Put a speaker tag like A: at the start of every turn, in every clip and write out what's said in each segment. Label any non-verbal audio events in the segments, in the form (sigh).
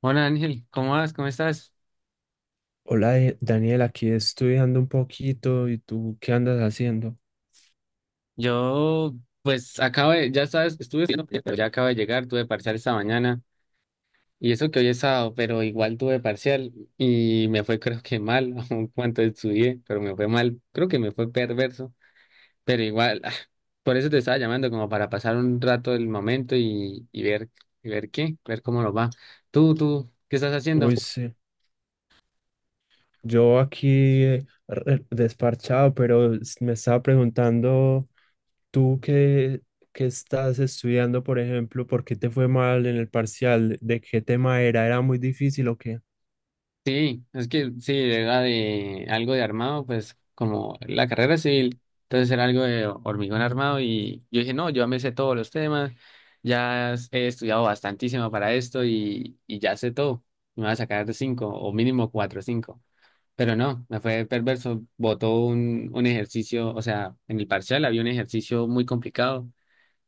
A: Hola Ángel, ¿cómo vas? ¿Cómo estás?
B: Hola Daniel, aquí estudiando un poquito y tú qué andas haciendo.
A: Yo, pues, acabo de, ya sabes, estuve estudiando, pero ya acabo de llegar, tuve parcial esta mañana, y eso que hoy es sábado, pero igual tuve parcial, y me fue creo que mal, (laughs) aun cuanto estudié, pero me fue mal, creo que me fue perverso, pero igual, (laughs) por eso te estaba llamando, como para pasar un rato del momento y ver, y ver qué, ver cómo nos va. Tú, ¿qué estás haciendo?
B: Uy, sí, yo aquí desparchado, pero me estaba preguntando tú qué, qué estás estudiando, por ejemplo, ¿por qué te fue mal en el parcial? ¿De qué tema era? ¿Era muy difícil o qué?
A: Sí, es que sí, era de algo de armado, pues como la carrera civil, entonces era algo de hormigón armado y yo dije, no, yo ya me sé todos los temas, he estudiado bastantísimo para esto y ya sé todo, me voy a sacar de cinco o mínimo cuatro o cinco, pero no, me fue perverso, botó un ejercicio, o sea, en el parcial había un ejercicio muy complicado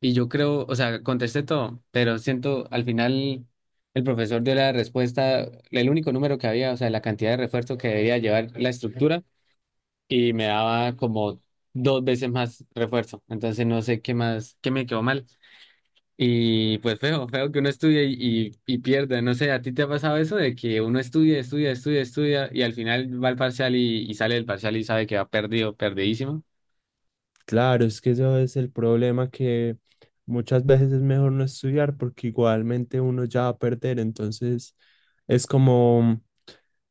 A: y yo creo, o sea, contesté todo, pero siento al final el profesor dio la respuesta, el único número que había, o sea, la cantidad de refuerzo que debía llevar la estructura y me daba como dos veces más refuerzo. Entonces no sé qué más, qué me quedó mal. Y pues feo, feo que uno estudie y pierda. No sé, ¿a ti te ha pasado eso de que uno estudia, estudia, estudia, estudia y al final va al parcial y sale del parcial y sabe que va perdido, perdidísimo?
B: Claro, es que eso es el problema, que muchas veces es mejor no estudiar porque igualmente uno ya va a perder. Entonces es como,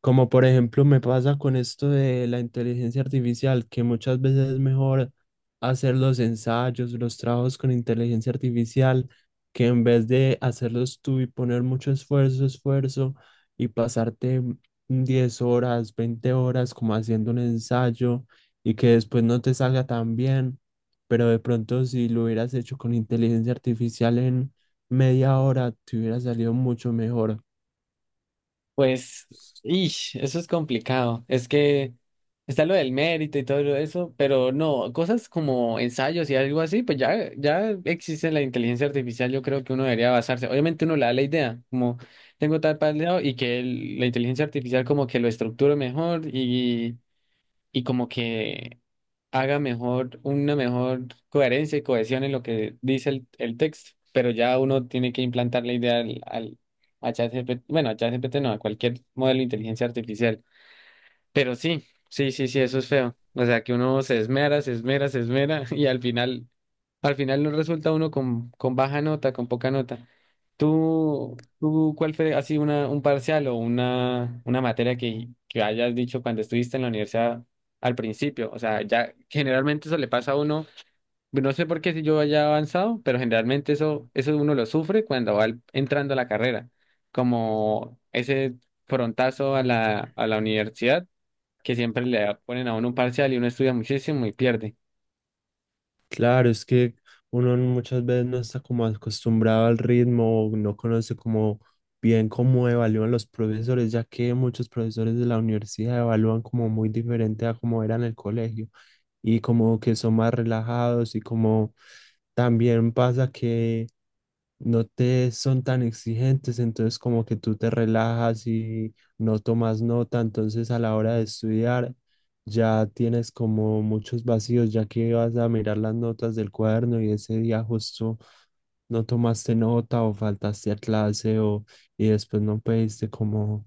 B: como por ejemplo me pasa con esto de la inteligencia artificial, que muchas veces es mejor hacer los ensayos, los trabajos con inteligencia artificial, que en vez de hacerlos tú y poner mucho esfuerzo y pasarte 10 horas, 20 horas como haciendo un ensayo y que después no te salga tan bien, pero de pronto si lo hubieras hecho con inteligencia artificial en media hora, te hubiera salido mucho mejor.
A: Pues, ish, eso es complicado. Es que está lo del mérito y todo eso, pero no, cosas como ensayos y algo así, pues ya, ya existe la inteligencia artificial, yo creo que uno debería basarse. Obviamente uno le da la idea, como tengo tal lado y que la inteligencia artificial como que lo estructure mejor y como que haga mejor, una mejor coherencia y cohesión en lo que dice el texto. Pero ya uno tiene que implantar la idea al, al a ChatGPT, bueno, a ChatGPT no, a cualquier modelo de inteligencia artificial. Pero sí, sí, eso es feo. O sea, que uno se esmera, se esmera, se esmera (laughs) al final no resulta uno con baja nota, con poca nota. ¿Tú cuál fue así una, un parcial o una materia que hayas dicho cuando estuviste en la universidad al principio? O sea, ya generalmente eso le pasa a uno, no sé por qué si yo haya avanzado, pero generalmente eso, eso uno lo sufre cuando entrando a la carrera, como ese frontazo a la universidad que siempre le ponen a uno un parcial y uno estudia muchísimo y pierde.
B: Claro, es que uno muchas veces no está como acostumbrado al ritmo, o no conoce como bien cómo evalúan los profesores, ya que muchos profesores de la universidad evalúan como muy diferente a como era en el colegio y como que son más relajados y como también pasa que no te son tan exigentes, entonces como que tú te relajas y no tomas nota. Entonces a la hora de estudiar ya tienes como muchos vacíos, ya que vas a mirar las notas del cuaderno y ese día justo no tomaste nota o faltaste a clase o y después no pediste como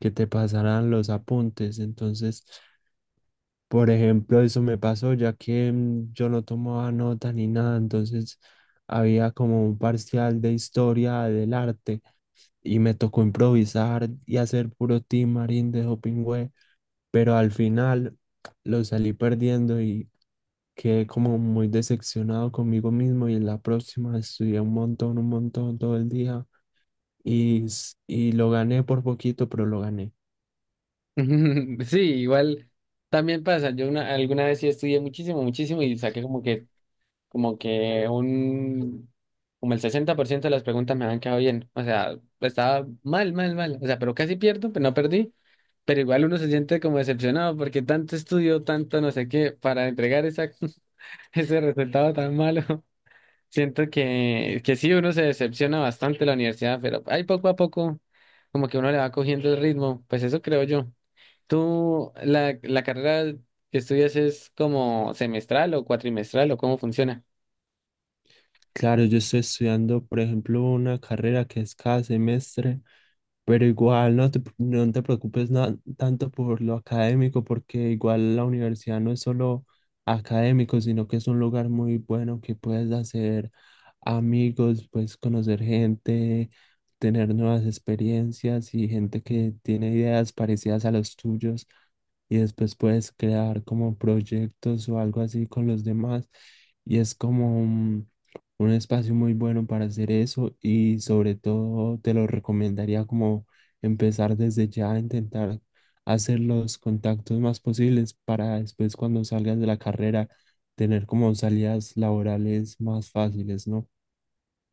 B: que te pasaran los apuntes. Entonces, por ejemplo, eso me pasó ya que yo no tomaba nota ni nada, entonces había como un parcial de historia del arte y me tocó improvisar y hacer puro team marín de Hopingüe, pero al final lo salí perdiendo y quedé como muy decepcionado conmigo mismo, y en la próxima estudié un montón todo el día y lo gané por poquito, pero lo gané.
A: (laughs) Sí, igual también pasa. Alguna vez sí estudié muchísimo, muchísimo y saqué como que un, como el 60% de las preguntas me habían quedado bien. O sea, estaba mal, mal, mal. O sea, pero casi pierdo, pero no perdí. Pero igual uno se siente como decepcionado porque tanto estudio, tanto no sé qué, para entregar esa, (laughs) ese resultado tan malo. (laughs) Siento que sí, uno se decepciona bastante en la universidad, pero ahí poco a poco, como que uno le va cogiendo el ritmo. Pues eso creo yo. ¿Tú, la carrera que estudias es como semestral o cuatrimestral o cómo funciona?
B: Claro, yo estoy estudiando, por ejemplo, una carrera que es cada semestre. Pero igual no te preocupes tanto por lo académico, porque igual la universidad no es solo académico, sino que es un lugar muy bueno que puedes hacer amigos, puedes conocer gente, tener nuevas experiencias y gente que tiene ideas parecidas a los tuyos y después puedes crear como proyectos o algo así con los demás. Y es como, un espacio muy bueno para hacer eso, y sobre todo te lo recomendaría como empezar desde ya a intentar hacer los contactos más posibles para después cuando salgas de la carrera tener como salidas laborales más fáciles, ¿no?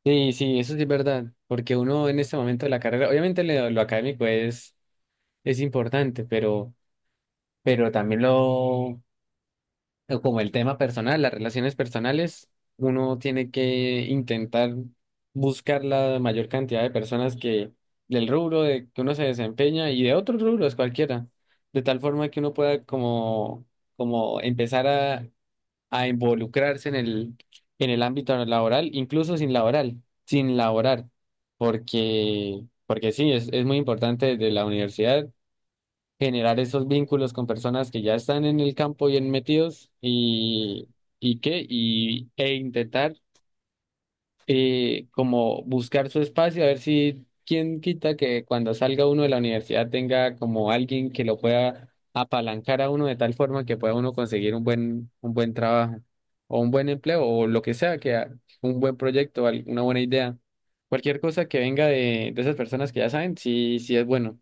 A: Sí, sí, eso sí es verdad, porque uno en este momento de la carrera, obviamente lo académico es importante, pero también lo como el tema personal, las relaciones personales, uno tiene que intentar buscar la mayor cantidad de personas que del rubro de que uno se desempeña y de otros rubros cualquiera, de tal forma que uno pueda como, como empezar a involucrarse en el ámbito laboral, incluso sin laboral, sin laborar, porque, porque sí, es muy importante desde la universidad generar esos vínculos con personas que ya están en el campo bien metidos y qué, y, e intentar como buscar su espacio, a ver si quién quita que cuando salga uno de la universidad tenga como alguien que lo pueda apalancar a uno de tal forma que pueda uno conseguir un buen trabajo o un buen empleo o lo que sea, un buen proyecto, una buena idea. Cualquier cosa que venga de esas personas que ya saben, sí, sí es bueno.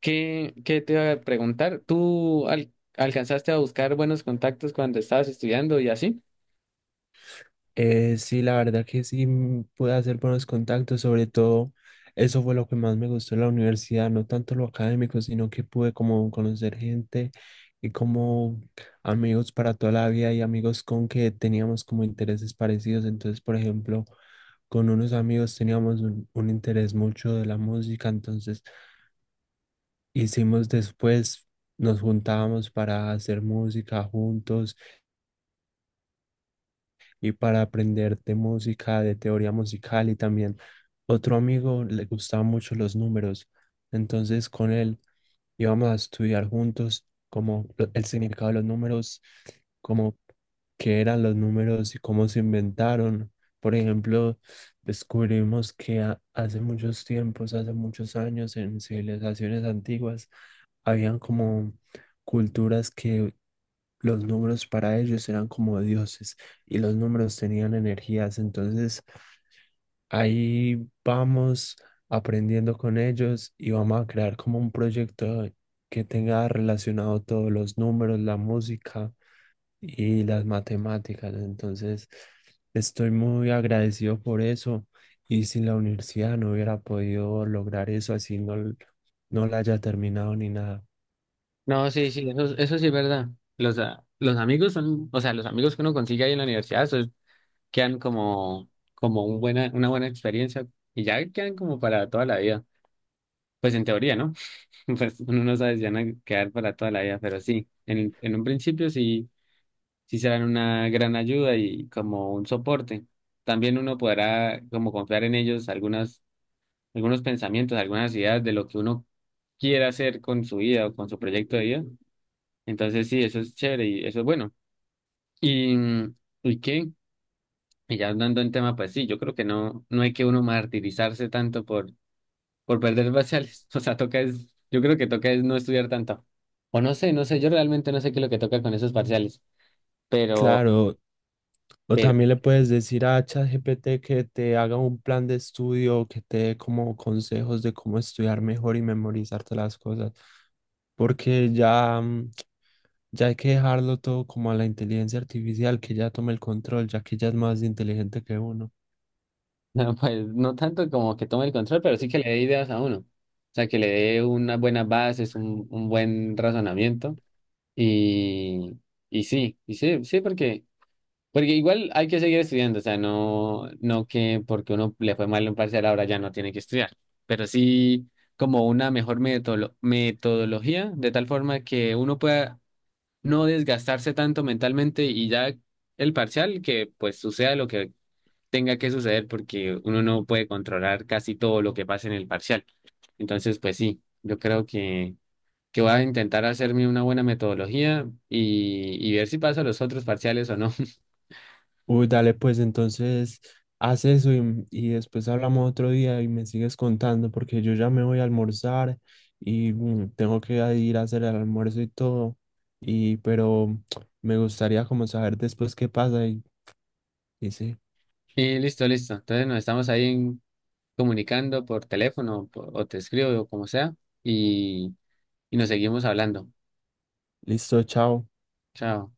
A: ¿Qué, qué te iba a preguntar? Alcanzaste a buscar buenos contactos cuando estabas estudiando y así?
B: Sí, la verdad que sí, pude hacer buenos contactos, sobre todo eso fue lo que más me gustó en la universidad, no tanto lo académico, sino que pude como conocer gente y como amigos para toda la vida y amigos con que teníamos como intereses parecidos. Entonces, por ejemplo, con unos amigos teníamos un interés mucho de la música, entonces hicimos después, nos juntábamos para hacer música juntos y para aprender de música, de teoría musical, y también otro amigo le gustaban mucho los números. Entonces con él íbamos a estudiar juntos como el significado de los números, como qué eran los números y cómo se inventaron. Por ejemplo, descubrimos que hace muchos tiempos, hace muchos años, en civilizaciones antiguas, habían como culturas que los números para ellos eran como dioses y los números tenían energías. Entonces ahí vamos aprendiendo con ellos y vamos a crear como un proyecto que tenga relacionado todos los números, la música y las matemáticas. Entonces estoy muy agradecido por eso, y sin la universidad no hubiera podido lograr eso así no, no la haya terminado ni nada.
A: No, sí, sí, eso sí es verdad. Los, los amigos son, o sea, los amigos que uno consigue ahí en la universidad quedan como, como un buena, una buena experiencia y ya quedan como para toda la vida. Pues en teoría, ¿no? (laughs) Pues uno no sabe si van a quedar para toda la vida, pero sí, en un principio sí, sí serán una gran ayuda y como un soporte. También uno podrá como confiar en ellos algunas, algunos pensamientos, algunas ideas de lo que uno quiera hacer con su vida o con su proyecto de vida. Entonces sí, eso es chévere y eso es bueno. Y, ¿y qué? Y ya hablando en tema, pues sí, yo creo que no, no hay que uno martirizarse tanto por perder parciales. (laughs) O sea, toca es, yo creo que toca es no estudiar tanto. O no sé, no sé, yo realmente no sé qué es lo que toca con esos parciales. Pero,
B: Claro. O
A: pero,
B: también le puedes decir a ChatGPT que te haga un plan de estudio, que te dé como consejos de cómo estudiar mejor y memorizarte las cosas, porque ya, ya hay que dejarlo todo como a la inteligencia artificial, que ya tome el control, ya que ella es más inteligente que uno.
A: (laughs) no, pues no tanto como que tome el control, pero sí que le dé ideas a uno. O sea, que le dé unas buenas bases, un buen razonamiento. Y, y sí, sí, porque porque igual hay que seguir estudiando, o sea, no, no que porque uno le fue mal en un parcial ahora ya no tiene que estudiar, pero sí como una mejor metodología, de tal forma que uno pueda no desgastarse tanto mentalmente y ya el parcial que pues suceda lo que tenga que suceder porque uno no puede controlar casi todo lo que pasa en el parcial. Entonces, pues sí, yo creo que voy a intentar hacerme una buena metodología y ver si paso los otros parciales o no.
B: Uy, dale, pues entonces haz eso y después hablamos otro día y me sigues contando, porque yo ya me voy a almorzar y tengo que ir a hacer el almuerzo y todo. Y pero (tsk) me gustaría como saber después qué pasa y sí
A: Y listo, listo. Entonces nos estamos ahí comunicando por teléfono o te escribo o como sea y, y nos seguimos hablando.
B: listo, chao.
A: Chao.